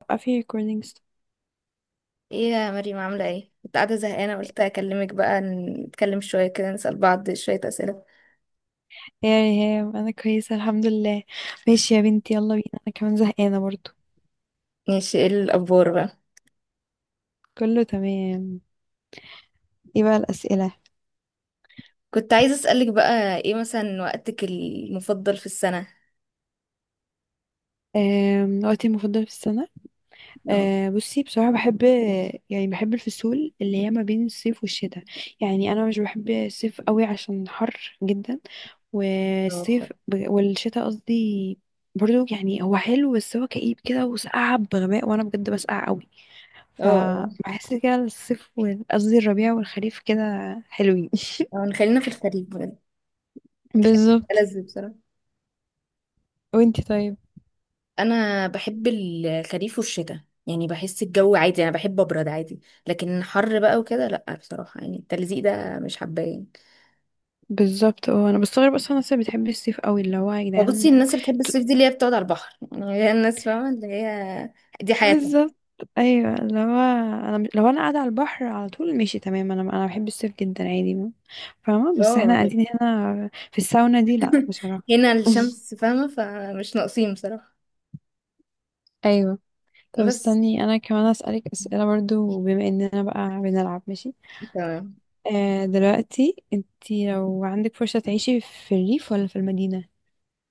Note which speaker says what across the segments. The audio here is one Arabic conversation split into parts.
Speaker 1: بقى في ريكوردينجز.
Speaker 2: ايه يا مريم عاملة ايه؟ كنت قاعدة زهقانة قلت اكلمك بقى نتكلم شوية كده نسأل بعض شوية اسئلة.
Speaker 1: يا ريهام انا كويسه الحمد لله. ماشي يا بنتي، يلا بينا، انا كمان زهقانه برضو.
Speaker 2: ماشي، ايه الاخبار بقى؟
Speaker 1: كله تمام. ايه بقى الاسئله؟
Speaker 2: كنت عايزة اسألك بقى ايه مثلا وقتك المفضل في السنة؟
Speaker 1: وقتي المفضل في السنه.
Speaker 2: اه،
Speaker 1: أه، بصي بصراحه بحب، يعني بحب الفصول اللي هي ما بين الصيف والشتاء. يعني انا مش بحب الصيف قوي عشان حر جدا.
Speaker 2: اه بصراحة.
Speaker 1: والشتاء قصدي، برضو يعني هو حلو بس هو كئيب كده وسقعة بغباء وانا بجد بسقع قوي.
Speaker 2: اه اه
Speaker 1: فبحس كده قصدي الربيع والخريف كده حلوين.
Speaker 2: خلينا في الخريف بجد. الخريف
Speaker 1: بالظبط.
Speaker 2: ألذ بصراحة.
Speaker 1: وانتي طيب؟
Speaker 2: انا بحب الخريف والشتاء، يعني بحس الجو عادي، انا بحب ابرد عادي، لكن حر بقى وكده لا بصراحة، يعني التلزيق ده مش حباه يعني.
Speaker 1: بالظبط، اه انا بستغرب اصلا الناس اللي بتحب الصيف قوي، اللي هو يا
Speaker 2: وبصي
Speaker 1: جدعان.
Speaker 2: الناس اللي بتحب الصيف دي اللي هي بتقعد على البحر، يعني هي الناس فاهمة اللي هي دي حياتها.
Speaker 1: بالظبط، ايوه اللي هو، لو انا قاعده على البحر على طول ماشي تمام، انا بحب الصيف جدا عادي فاهمه، بس احنا
Speaker 2: اه لك.
Speaker 1: قاعدين هنا في الساونا دي لا بصراحه.
Speaker 2: هنا الشمس فاهمة، فمش ناقصين بصراحة.
Speaker 1: ايوه. طب
Speaker 2: بس
Speaker 1: استني انا كمان اسالك اسئله برضو، بما اننا بقى بنلعب، ماشي.
Speaker 2: تمام.
Speaker 1: آه، دلوقتي انتي لو عندك فرصة تعيشي في الريف ولا في المدينة؟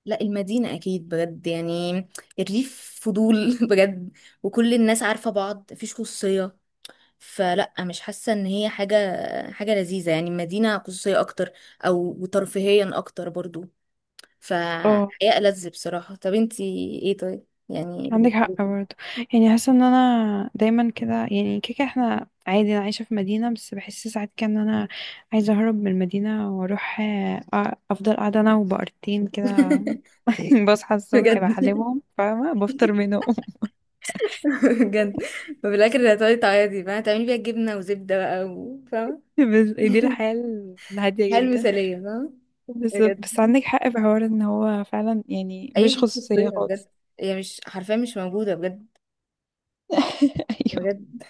Speaker 2: لا المدينة أكيد بجد يعني. الريف فضول بجد، وكل الناس عارفة بعض، مفيش خصوصية، فلا مش حاسة إن هي حاجة حاجة لذيذة. يعني المدينة خصوصية أكتر، أو وترفيهيا أكتر برضو،
Speaker 1: اه
Speaker 2: فحقيقة ألذ بصراحة. طب انتي ايه طيب يعني
Speaker 1: عندك
Speaker 2: بالنسبة
Speaker 1: حق
Speaker 2: لك؟
Speaker 1: برضه. يعني حاسه ان انا دايما كده، يعني كيكه، احنا عادي انا عايشه في مدينه بس بحس ساعات كده ان انا عايزه اهرب من المدينه واروح افضل قاعده انا وبقرتين كده بصحى الصبح
Speaker 2: بجد.
Speaker 1: بحلبهم فاهمه، بفطر منهم.
Speaker 2: بجد. ففي الاخر هتقعدي تعيطي بقى، هتعملي بيها جبنه وزبده بقى و- فاهمه.
Speaker 1: بس دي الحياه الهاديه
Speaker 2: الحياه
Speaker 1: جدا.
Speaker 2: المثاليه فاهمه.
Speaker 1: بس
Speaker 2: بجد
Speaker 1: بس عندك حق في حوار ان هو فعلا يعني
Speaker 2: اي
Speaker 1: مفيش
Speaker 2: في شخصيه
Speaker 1: خصوصيه
Speaker 2: بجد،
Speaker 1: خالص.
Speaker 2: هي مش حرفيا مش موجوده بجد.
Speaker 1: ايوه.
Speaker 2: بجد.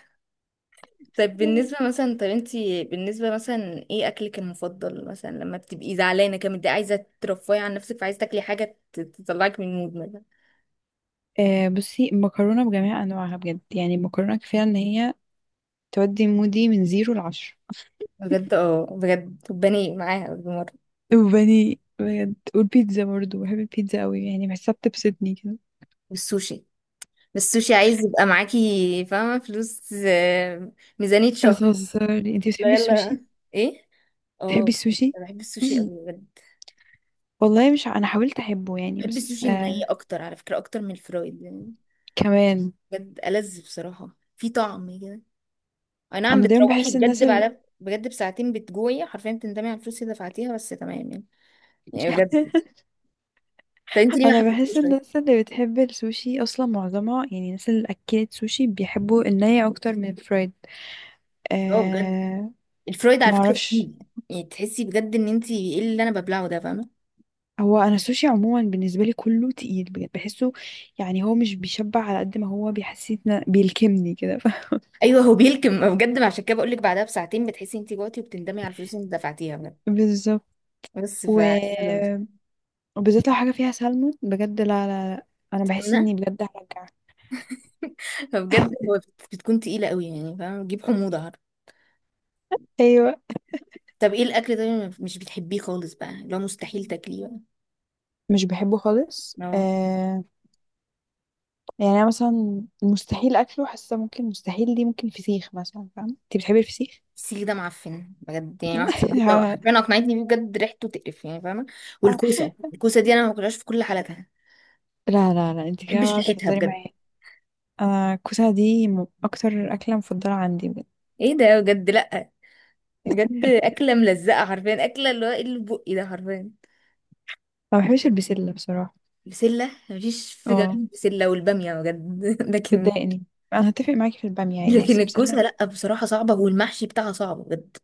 Speaker 2: طيب بالنسبه مثلا، طب انتي بالنسبه مثلا ايه اكلك المفضل مثلا لما بتبقي زعلانه كده متضايقه عايزه ترفهي عن نفسك فعايزه تاكلي حاجه ت- تطلعك من المود مثلا؟
Speaker 1: آه بصي، المكرونة بجميع أنواعها بجد، يعني المكرونة كفاية إن هي تودي مودي من زيرو لعشرة.
Speaker 2: بجد اه بجد، وبني معاها بالمره.
Speaker 1: وبني بجد، والبيتزا برضه بحب البيتزا قوي، يعني بحسها بتبسطني كده.
Speaker 2: والسوشي، بس السوشي عايز يبقى معاكي فاهمه فلوس، ميزانيه شهر.
Speaker 1: بتهزري؟ انتي بتحبي
Speaker 2: لا
Speaker 1: السوشي؟
Speaker 2: يلا. ايه.
Speaker 1: بتحبي
Speaker 2: اه.
Speaker 1: السوشي؟
Speaker 2: انا بحب السوشي قوي بجد.
Speaker 1: والله مش أنا حاولت أحبه يعني،
Speaker 2: بحب
Speaker 1: بس
Speaker 2: السوشي الني
Speaker 1: آه
Speaker 2: اكتر على فكره اكتر من الفرايد يعني.
Speaker 1: كمان
Speaker 2: بجد ألذ بصراحه، في طعم كده. اي نعم،
Speaker 1: أنا دايما
Speaker 2: بتروحي
Speaker 1: بحس الناس
Speaker 2: بجد
Speaker 1: ال...
Speaker 2: بعد بجد بساعتين بتجوعي حرفيا بتندمي على الفلوس اللي دفعتيها، بس تمام يعني. يعني بجد. طب انت ليه ما
Speaker 1: أنا بحس
Speaker 2: حبيتيش طيب؟
Speaker 1: الناس اللي بتحب السوشي أصلا معظمها، يعني الناس اللي أكلت سوشي بيحبوا الني أكتر من الفرايد.
Speaker 2: اه بجد.
Speaker 1: آه
Speaker 2: الفرايد على فكره
Speaker 1: معرفش.
Speaker 2: تقيل، يعني تحسي بجد ان انت ايه اللي انا ببلعه ده فاهمه.
Speaker 1: هو انا السوشي عموما بالنسبه لي كله تقيل بجد بحسه. يعني هو مش بيشبع على قد ما هو بيحسسني، بيلكمني كده.
Speaker 2: ايوه، هو بيلكم بجد، عشان كده بقول لك بعدها بساعتين بتحسي انت جوعتي وبتندمي على الفلوس اللي انت دفعتيها بجد.
Speaker 1: بالظبط.
Speaker 2: بس
Speaker 1: و...
Speaker 2: فانا دمت.
Speaker 1: وبالذات لو حاجه فيها سلمون بجد، لا لا لا، انا بحس اني بجد هرجع.
Speaker 2: فبجد هو بت- بتكون تقيلة قوي، يعني فاهمة بتجيب حموضة، عارف.
Speaker 1: ايوه
Speaker 2: طب ايه الأكل ده اللي مش بتحبيه خالص بقى، لو مستحيل تاكليه بقى؟
Speaker 1: مش بحبه خالص
Speaker 2: اه.
Speaker 1: آه... يعني انا مثلا مستحيل اكله، حاسه ممكن مستحيل دي ممكن فسيخ مثلا، فاهم؟ انت بتحبي الفسيخ؟
Speaker 2: السيخ ده معفن بجد، يعني واحد صاحبتي أو- حرفيا اقنعتني بيه، بجد ريحته تقرف يعني، فاهمة. والكوسة، الكوسة دي أنا ما باكلهاش في كل حالاتها،
Speaker 1: لا لا لا، انت
Speaker 2: ما بحبش
Speaker 1: كده
Speaker 2: ريحتها
Speaker 1: بتهزري
Speaker 2: بجد.
Speaker 1: معايا. انا الكوسه دي, اكتر اكله مفضله عندي بجد.
Speaker 2: ايه ده بجد لأ. بجد أكلة ملزقة حرفيا، أكلة اللي هو ايه اللي في بقي ده حرفيا.
Speaker 1: ما بحبش البسله بصراحه.
Speaker 2: بسلة مفيش، في
Speaker 1: اه
Speaker 2: جنب بسلة والبامية بجد لكن.
Speaker 1: بتضايقني، انا هتفق معاكي في البامية عادي،
Speaker 2: لكن
Speaker 1: بس انا
Speaker 2: الكوسة لأ بصراحة صعبة، والمحشي بتاعها صعب بجد،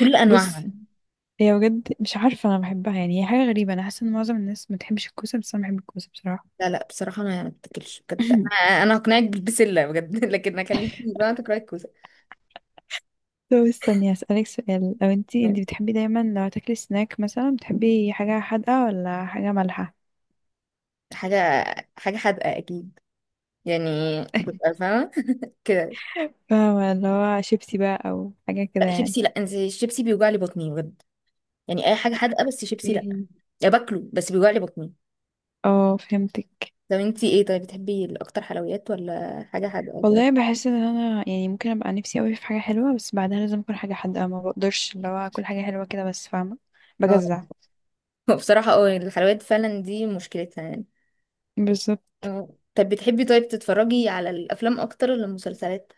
Speaker 2: كل أنواعها.
Speaker 1: بصي، هي بجد مش عارفة انا بحبها، يعني هي حاجة غريبة، انا حاسة ان معظم الناس ما بتحبش الكوسة بس انا بحب الكوسة بصراحة.
Speaker 2: لا لا بصراحة أنا ما بتاكلش بجد. أنا هقنعك بالبسلة بجد لكن أخليكي بقى تاكلي الكوسة.
Speaker 1: طب استني هسألك سؤال. لو انتي بتحبي دايما لو هتاكلي سناك مثلا، بتحبي حاجة حادقة ولا حاجة مالحة؟
Speaker 2: حاجة حاجة حادقة أكيد، يعني كنت فاهمة كده.
Speaker 1: فاهمة اللي هو شيبسي بقى او حاجة كده
Speaker 2: لا
Speaker 1: يعني.
Speaker 2: شيبسي لا، أنت الشيبسي بيوجع لي بطني بجد، يعني أي حاجة حادقة بس شيبسي لا.
Speaker 1: اوكي،
Speaker 2: يا باكله بس بيوجع لي بطني.
Speaker 1: اه فهمتك.
Speaker 2: طب أنت إيه طيب بتحبي الأكتر حلويات ولا حاجة حادقة كده؟
Speaker 1: والله بحس ان انا، يعني ممكن ابقى نفسي قوي في حاجة حلوة بس بعدها لازم اكل حاجة حادقة، ما بقدرش اللي هو اكل حاجة حلوة كده بس فاهمة،
Speaker 2: اه
Speaker 1: بجزع.
Speaker 2: بصراحة اه، الحلويات فعلا دي مشكلتها يعني.
Speaker 1: بالظبط.
Speaker 2: اه. طب بتحبي طيب تتفرجي على الأفلام أكتر ولا المسلسلات؟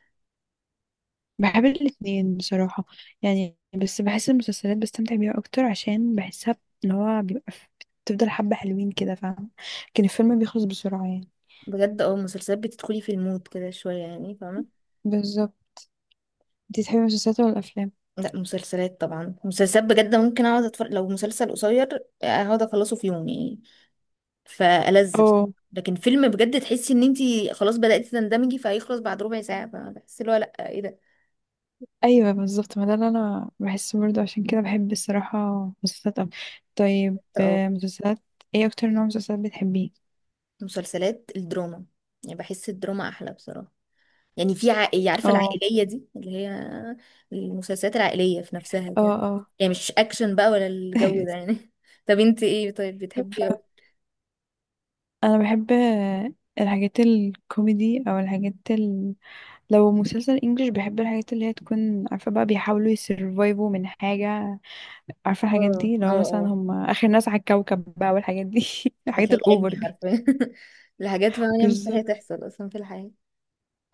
Speaker 1: بحب الاتنين بصراحة. يعني بس بحس المسلسلات بستمتع بيها أكتر، عشان بحسها اللي هو بيبقى, بتفضل حبة حلوين كده فاهمة، لكن الفيلم بيخلص بسرعة يعني.
Speaker 2: بجد اه، المسلسلات بتدخلي في المود كده شوية، يعني فاهمة.
Speaker 1: بالظبط. انتي تحبي المسلسلات ولا الأفلام؟
Speaker 2: لا مسلسلات طبعا، مسلسلات بجد ممكن اقعد اتفرج لو مسلسل قصير، اقعد اخلصه في يوم يعني، فألذ بس-.
Speaker 1: اه.
Speaker 2: لكن فيلم بجد تحسي ان انتي خلاص بدأتي تندمجي فهيخلص بعد ربع ساعة، فبحس اللي هو لا، ايه ده.
Speaker 1: أيوة بالظبط، ما ده اللي أنا بحسه برضه، عشان كده بحب الصراحة مسلسلات أكتر. طيب،
Speaker 2: اه
Speaker 1: مسلسلات. ايه أكتر نوع مسلسلات بتحبيه؟
Speaker 2: مسلسلات الدراما، يعني بحس الدراما احلى بصراحة، يعني في عائلة عارفة
Speaker 1: اه
Speaker 2: العائلية دي اللي هي المسلسلات العائلية في نفسها
Speaker 1: اه
Speaker 2: كده.
Speaker 1: اه.
Speaker 2: يعني مش اكشن بقى ولا الجو ده يعني. طب انتي ايه طيب بتحبي اه؟
Speaker 1: ف- انا بحب الحاجات الكوميدي او الحاجات، لو مسلسل انجليش بحب الحاجات اللي هي تكون عارفة بقى بيحاولوا يسرفايفوا من حاجة، عارفة الحاجات
Speaker 2: اه
Speaker 1: دي لو مثلا
Speaker 2: اه.
Speaker 1: هم آخر ناس على الكوكب بقى والحاجات دي.
Speaker 2: ده
Speaker 1: الحاجات
Speaker 2: خيال
Speaker 1: الأوفر
Speaker 2: علمي
Speaker 1: دي.
Speaker 2: حرفيا. لحاجات فعلا
Speaker 1: بالظبط
Speaker 2: مستحيل تحصل اصلا في الحياة.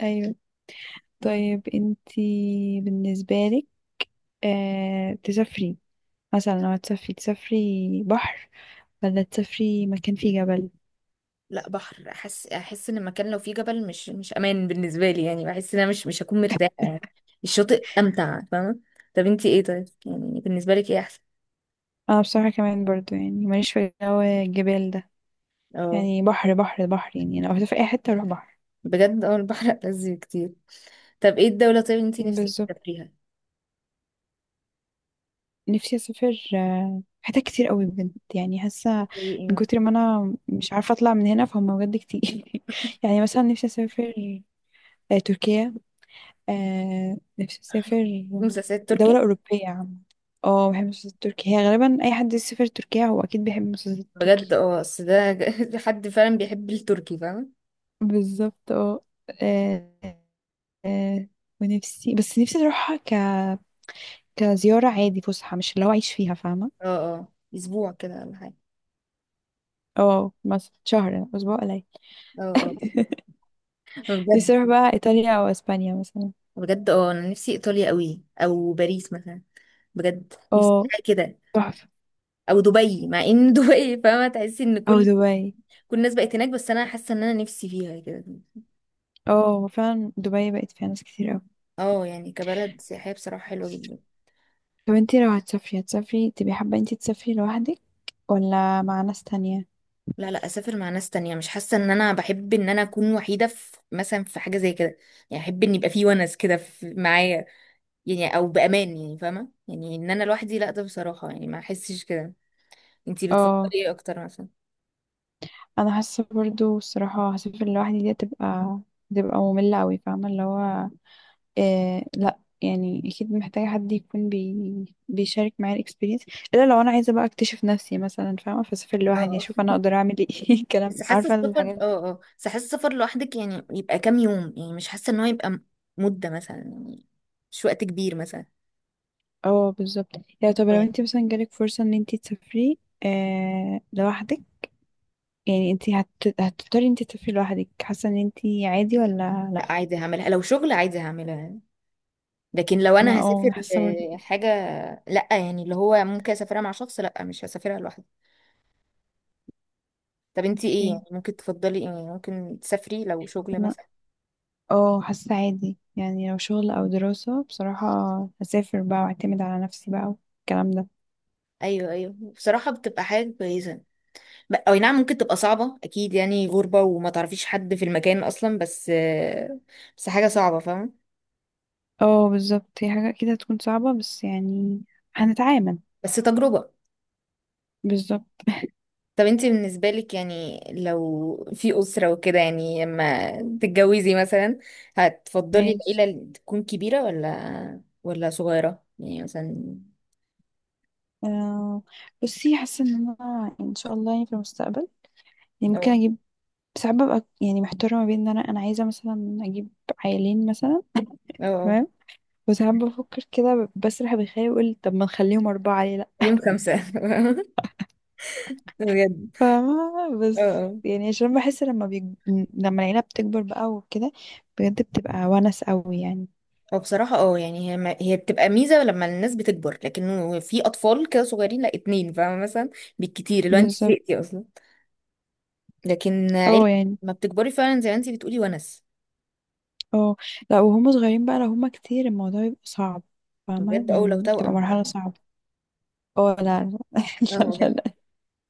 Speaker 1: أيوة.
Speaker 2: مم.
Speaker 1: طيب انتي بالنسبة لك، آه، تسافري مثلا، لو هتسافري تسافري بحر ولا تسافري مكان فيه جبل؟
Speaker 2: لا بحر. احس ان المكان لو فيه جبل مش امان بالنسبة لي، يعني بحس ان انا مش هكون مرتاحة يعني. الشاطئ امتع فاهمة. طب انتي ايه طيب يعني بالنسبة لك ايه احسن؟
Speaker 1: أنا بصراحة كمان برضو يعني ماليش في جو الجبال ده،
Speaker 2: اه
Speaker 1: يعني بحر بحر بحر. يعني لو هتسافري أي حتة أروح بحر.
Speaker 2: بجد اه، البحر ألذ كتير. طب ايه الدولة طيب انتي نفسك
Speaker 1: بالظبط.
Speaker 2: تسافريها؟
Speaker 1: نفسي اسافر حتت كتير قوي بجد يعني حاسه،
Speaker 2: زي ايه
Speaker 1: من
Speaker 2: مثلا؟
Speaker 1: كتر ما انا مش عارفه اطلع من هنا فهم بجد كتير. يعني مثلا نفسي اسافر تركيا، نفسي اسافر
Speaker 2: مسلسلات
Speaker 1: دوله
Speaker 2: تركي.
Speaker 1: اوروبيه عامه. اه بحب المسلسلات التركية، هي غالبا اي حد يسافر تركيا هو اكيد بيحب المسلسلات
Speaker 2: بجد
Speaker 1: التركية.
Speaker 2: اه، اصل ده حد فعلا بيحب التركي، فاهمة.
Speaker 1: بالظبط. اه آه، آه، ونفسي، بس نفسي اروحها، ك كزياره عادي، فسحه، مش اللي هو اعيش فيها فاهمه.
Speaker 2: اه، اه اسبوع كده ولا حاجة؟
Speaker 1: اه مثلا شهر، اسبوع قليل.
Speaker 2: اه اه، بجد.
Speaker 1: نفسي اروح بقى ايطاليا او اسبانيا مثلا.
Speaker 2: بجد اه انا نفسي ايطاليا قوي او باريس مثلا، بجد نفسي
Speaker 1: اه
Speaker 2: حاجه كده.
Speaker 1: تحفة.
Speaker 2: او دبي، مع ان دبي فاهمه تحسي ان
Speaker 1: او
Speaker 2: كل
Speaker 1: دبي.
Speaker 2: كل الناس بقت هناك، بس انا حاسه ان انا نفسي فيها كده.
Speaker 1: اه فعلا دبي بقت فيها ناس كتير اوي.
Speaker 2: اه يعني كبلد سياحيه بصراحه حلوه جدا.
Speaker 1: طب انتي لو هتسافري تبقي حابة انتي تسافري لوحدك ولا مع ناس تانية؟
Speaker 2: لا لا اسافر مع ناس تانية، مش حاسه ان انا بحب ان انا اكون وحيده في مثلا في حاجه زي كده. يعني احب ان يبقى في ونس كده في- معايا، يعني او بامان يعني فاهمه، يعني ان انا لوحدي لا ده بصراحه يعني ما احسش كده. انتي بتفضلي
Speaker 1: اه،
Speaker 2: ايه اكتر مثلا؟
Speaker 1: انا حاسة برضو الصراحة هسافر لوحدي دي تبقى مملة اوي فاهمة اللي هو، إيه لا، يعني اكيد محتاجة حد يكون بيشارك معايا الاكسبيرينس، الا لو انا عايزة بقى اكتشف نفسي مثلا فاهمة، فاسافر لوحدي
Speaker 2: اه،
Speaker 1: اشوف انا اقدر اعمل ايه، الكلام،
Speaker 2: بس حاسه
Speaker 1: عارفة
Speaker 2: السفر
Speaker 1: الحاجات.
Speaker 2: اه اه بس حاسه السفر لوحدك يعني يبقى كام يوم، يعني مش حاسه ان هو يبقى م- مده مثلا يعني، مش وقت كبير مثلا.
Speaker 1: اه بالظبط. يعني طب
Speaker 2: أو
Speaker 1: لو
Speaker 2: يعني.
Speaker 1: انت مثلا جالك فرصة ان انت تسافري لوحدك، يعني انت هتختاري انت تسافري لوحدك؟ حاسة ان انت عادي ولا؟ لا.
Speaker 2: لا عادي هعملها، لو شغل عادي هعملها، لكن لو
Speaker 1: ما
Speaker 2: انا هسافر
Speaker 1: اه، حاسة برضه كده.
Speaker 2: حاجه. لا يعني اللي هو ممكن اسافرها مع شخص، لا مش هسافرها لوحدي. طب انتي ايه
Speaker 1: اوكي.
Speaker 2: يعني ممكن تفضلي، ايه ممكن تسافري لو شغل
Speaker 1: انا
Speaker 2: مثلا؟
Speaker 1: اه، حاسة عادي يعني، لو شغل او دراسة بصراحة هسافر بقى واعتمد على نفسي بقى والكلام ده.
Speaker 2: ايوه ايوه بصراحه بتبقى حاجه كويسه. ب- او نعم ممكن تبقى صعبه اكيد، يعني غربه وما تعرفيش حد في المكان اصلا، بس بس حاجه صعبه فاهمه.
Speaker 1: اه بالظبط، هي حاجة كده هتكون صعبة بس يعني هنتعامل.
Speaker 2: بس تجربة.
Speaker 1: بالظبط.
Speaker 2: طب انتي بالنسبة لك يعني لو في أسرة وكده، يعني لما تتجوزي مثلا هتفضلي العيلة
Speaker 1: ماشي.
Speaker 2: اللي تكون كبيرة ولا صغيرة يعني مثلا؟
Speaker 1: آه بصي، حاسة ان انا، ان شاء الله يعني في المستقبل، يمكن
Speaker 2: اه
Speaker 1: اجيب. ساعات ببقى يعني محتارة ما بين ان انا عايزة مثلا اجيب عيالين مثلا.
Speaker 2: اه اه
Speaker 1: تمام. وساعات بفكر كده بسرح بخيالي واقول طب ما نخليهم اربعة ليه لا.
Speaker 2: يوم خمسة بجد.
Speaker 1: فاهمة،
Speaker 2: اه
Speaker 1: بس
Speaker 2: اه.
Speaker 1: يعني عشان بحس لما العيلة بتكبر بقى وكده بجد بتبقى ونس قوي يعني.
Speaker 2: هو بصراحة اه يعني هي ما هي بتبقى ميزة لما الناس بتكبر، لكن في أطفال كده صغيرين لا اتنين فاهمة مثلا، بالكتير اللي هو انت
Speaker 1: بالظبط.
Speaker 2: زهقتي أصلا. لكن عيلة
Speaker 1: اه يعني.
Speaker 2: ما بتكبري فعلا زي ما انت بتقولي ونس.
Speaker 1: اه لا، وهم صغيرين بقى لو هم كتير الموضوع بيبقى صعب فاهمة
Speaker 2: بجد اه لو
Speaker 1: يعني، بتبقى
Speaker 2: توأم
Speaker 1: مرحلة
Speaker 2: بقى.
Speaker 1: صعبة. اه لا لا لا
Speaker 2: اه
Speaker 1: لا
Speaker 2: بجد
Speaker 1: لا،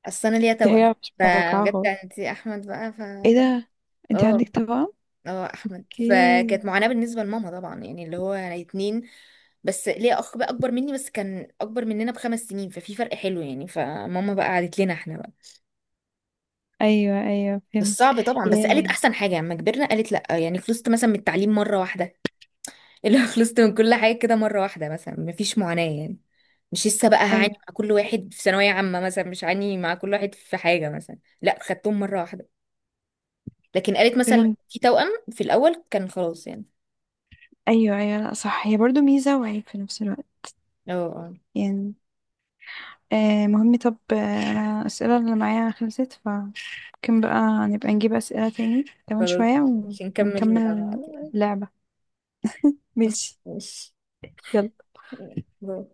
Speaker 2: اصل انا ليا
Speaker 1: دي
Speaker 2: توأم،
Speaker 1: حاجة مش متوقعة
Speaker 2: فبجد يعني
Speaker 1: خالص.
Speaker 2: انت احمد بقى ف.
Speaker 1: ايه
Speaker 2: ف-.
Speaker 1: ده، انت عندك
Speaker 2: اه
Speaker 1: توأم؟
Speaker 2: اه احمد، فكانت
Speaker 1: اوكي.
Speaker 2: معاناة بالنسبة لماما طبعا، يعني اللي هو انا اتنين. بس ليا اخ بقى اكبر مني، بس كان اكبر مننا ب5 سنين، ففي فرق حلو يعني، فماما بقى قعدت لنا احنا بقى.
Speaker 1: ايوه ايوه
Speaker 2: بس
Speaker 1: فهمت.
Speaker 2: صعب طبعا، بس قالت
Speaker 1: يعني،
Speaker 2: احسن حاجة لما كبرنا قالت لا، يعني خلصت مثلا من التعليم مرة واحدة اللي هو خلصت من كل حاجة كده مرة واحدة مثلا، مفيش معاناة يعني، مش لسه بقى هعاني
Speaker 1: ايوه
Speaker 2: مع كل واحد في ثانوية عامة مثلا، مش هعاني مع كل واحد في حاجة مثلا، لا خدتهم مرة واحدة. لكن قالت مثلا لو
Speaker 1: فهمت.
Speaker 2: في توأم في الأول كان خلاص يعني.
Speaker 1: ايوه ايوه، لا صح، هي برضو ميزه وعيب في نفس الوقت
Speaker 2: اه
Speaker 1: يعني. آه مهم، طب انا الاسئله اللي معايا خلصت، فممكن بقى نبقى نجيب اسئله تاني كمان
Speaker 2: خلاص
Speaker 1: شويه
Speaker 2: مش نكمل مع
Speaker 1: ونكمل
Speaker 2: بعض يعني؟
Speaker 1: لعبه. ماشي
Speaker 2: ماشي.
Speaker 1: يلا.
Speaker 2: باي.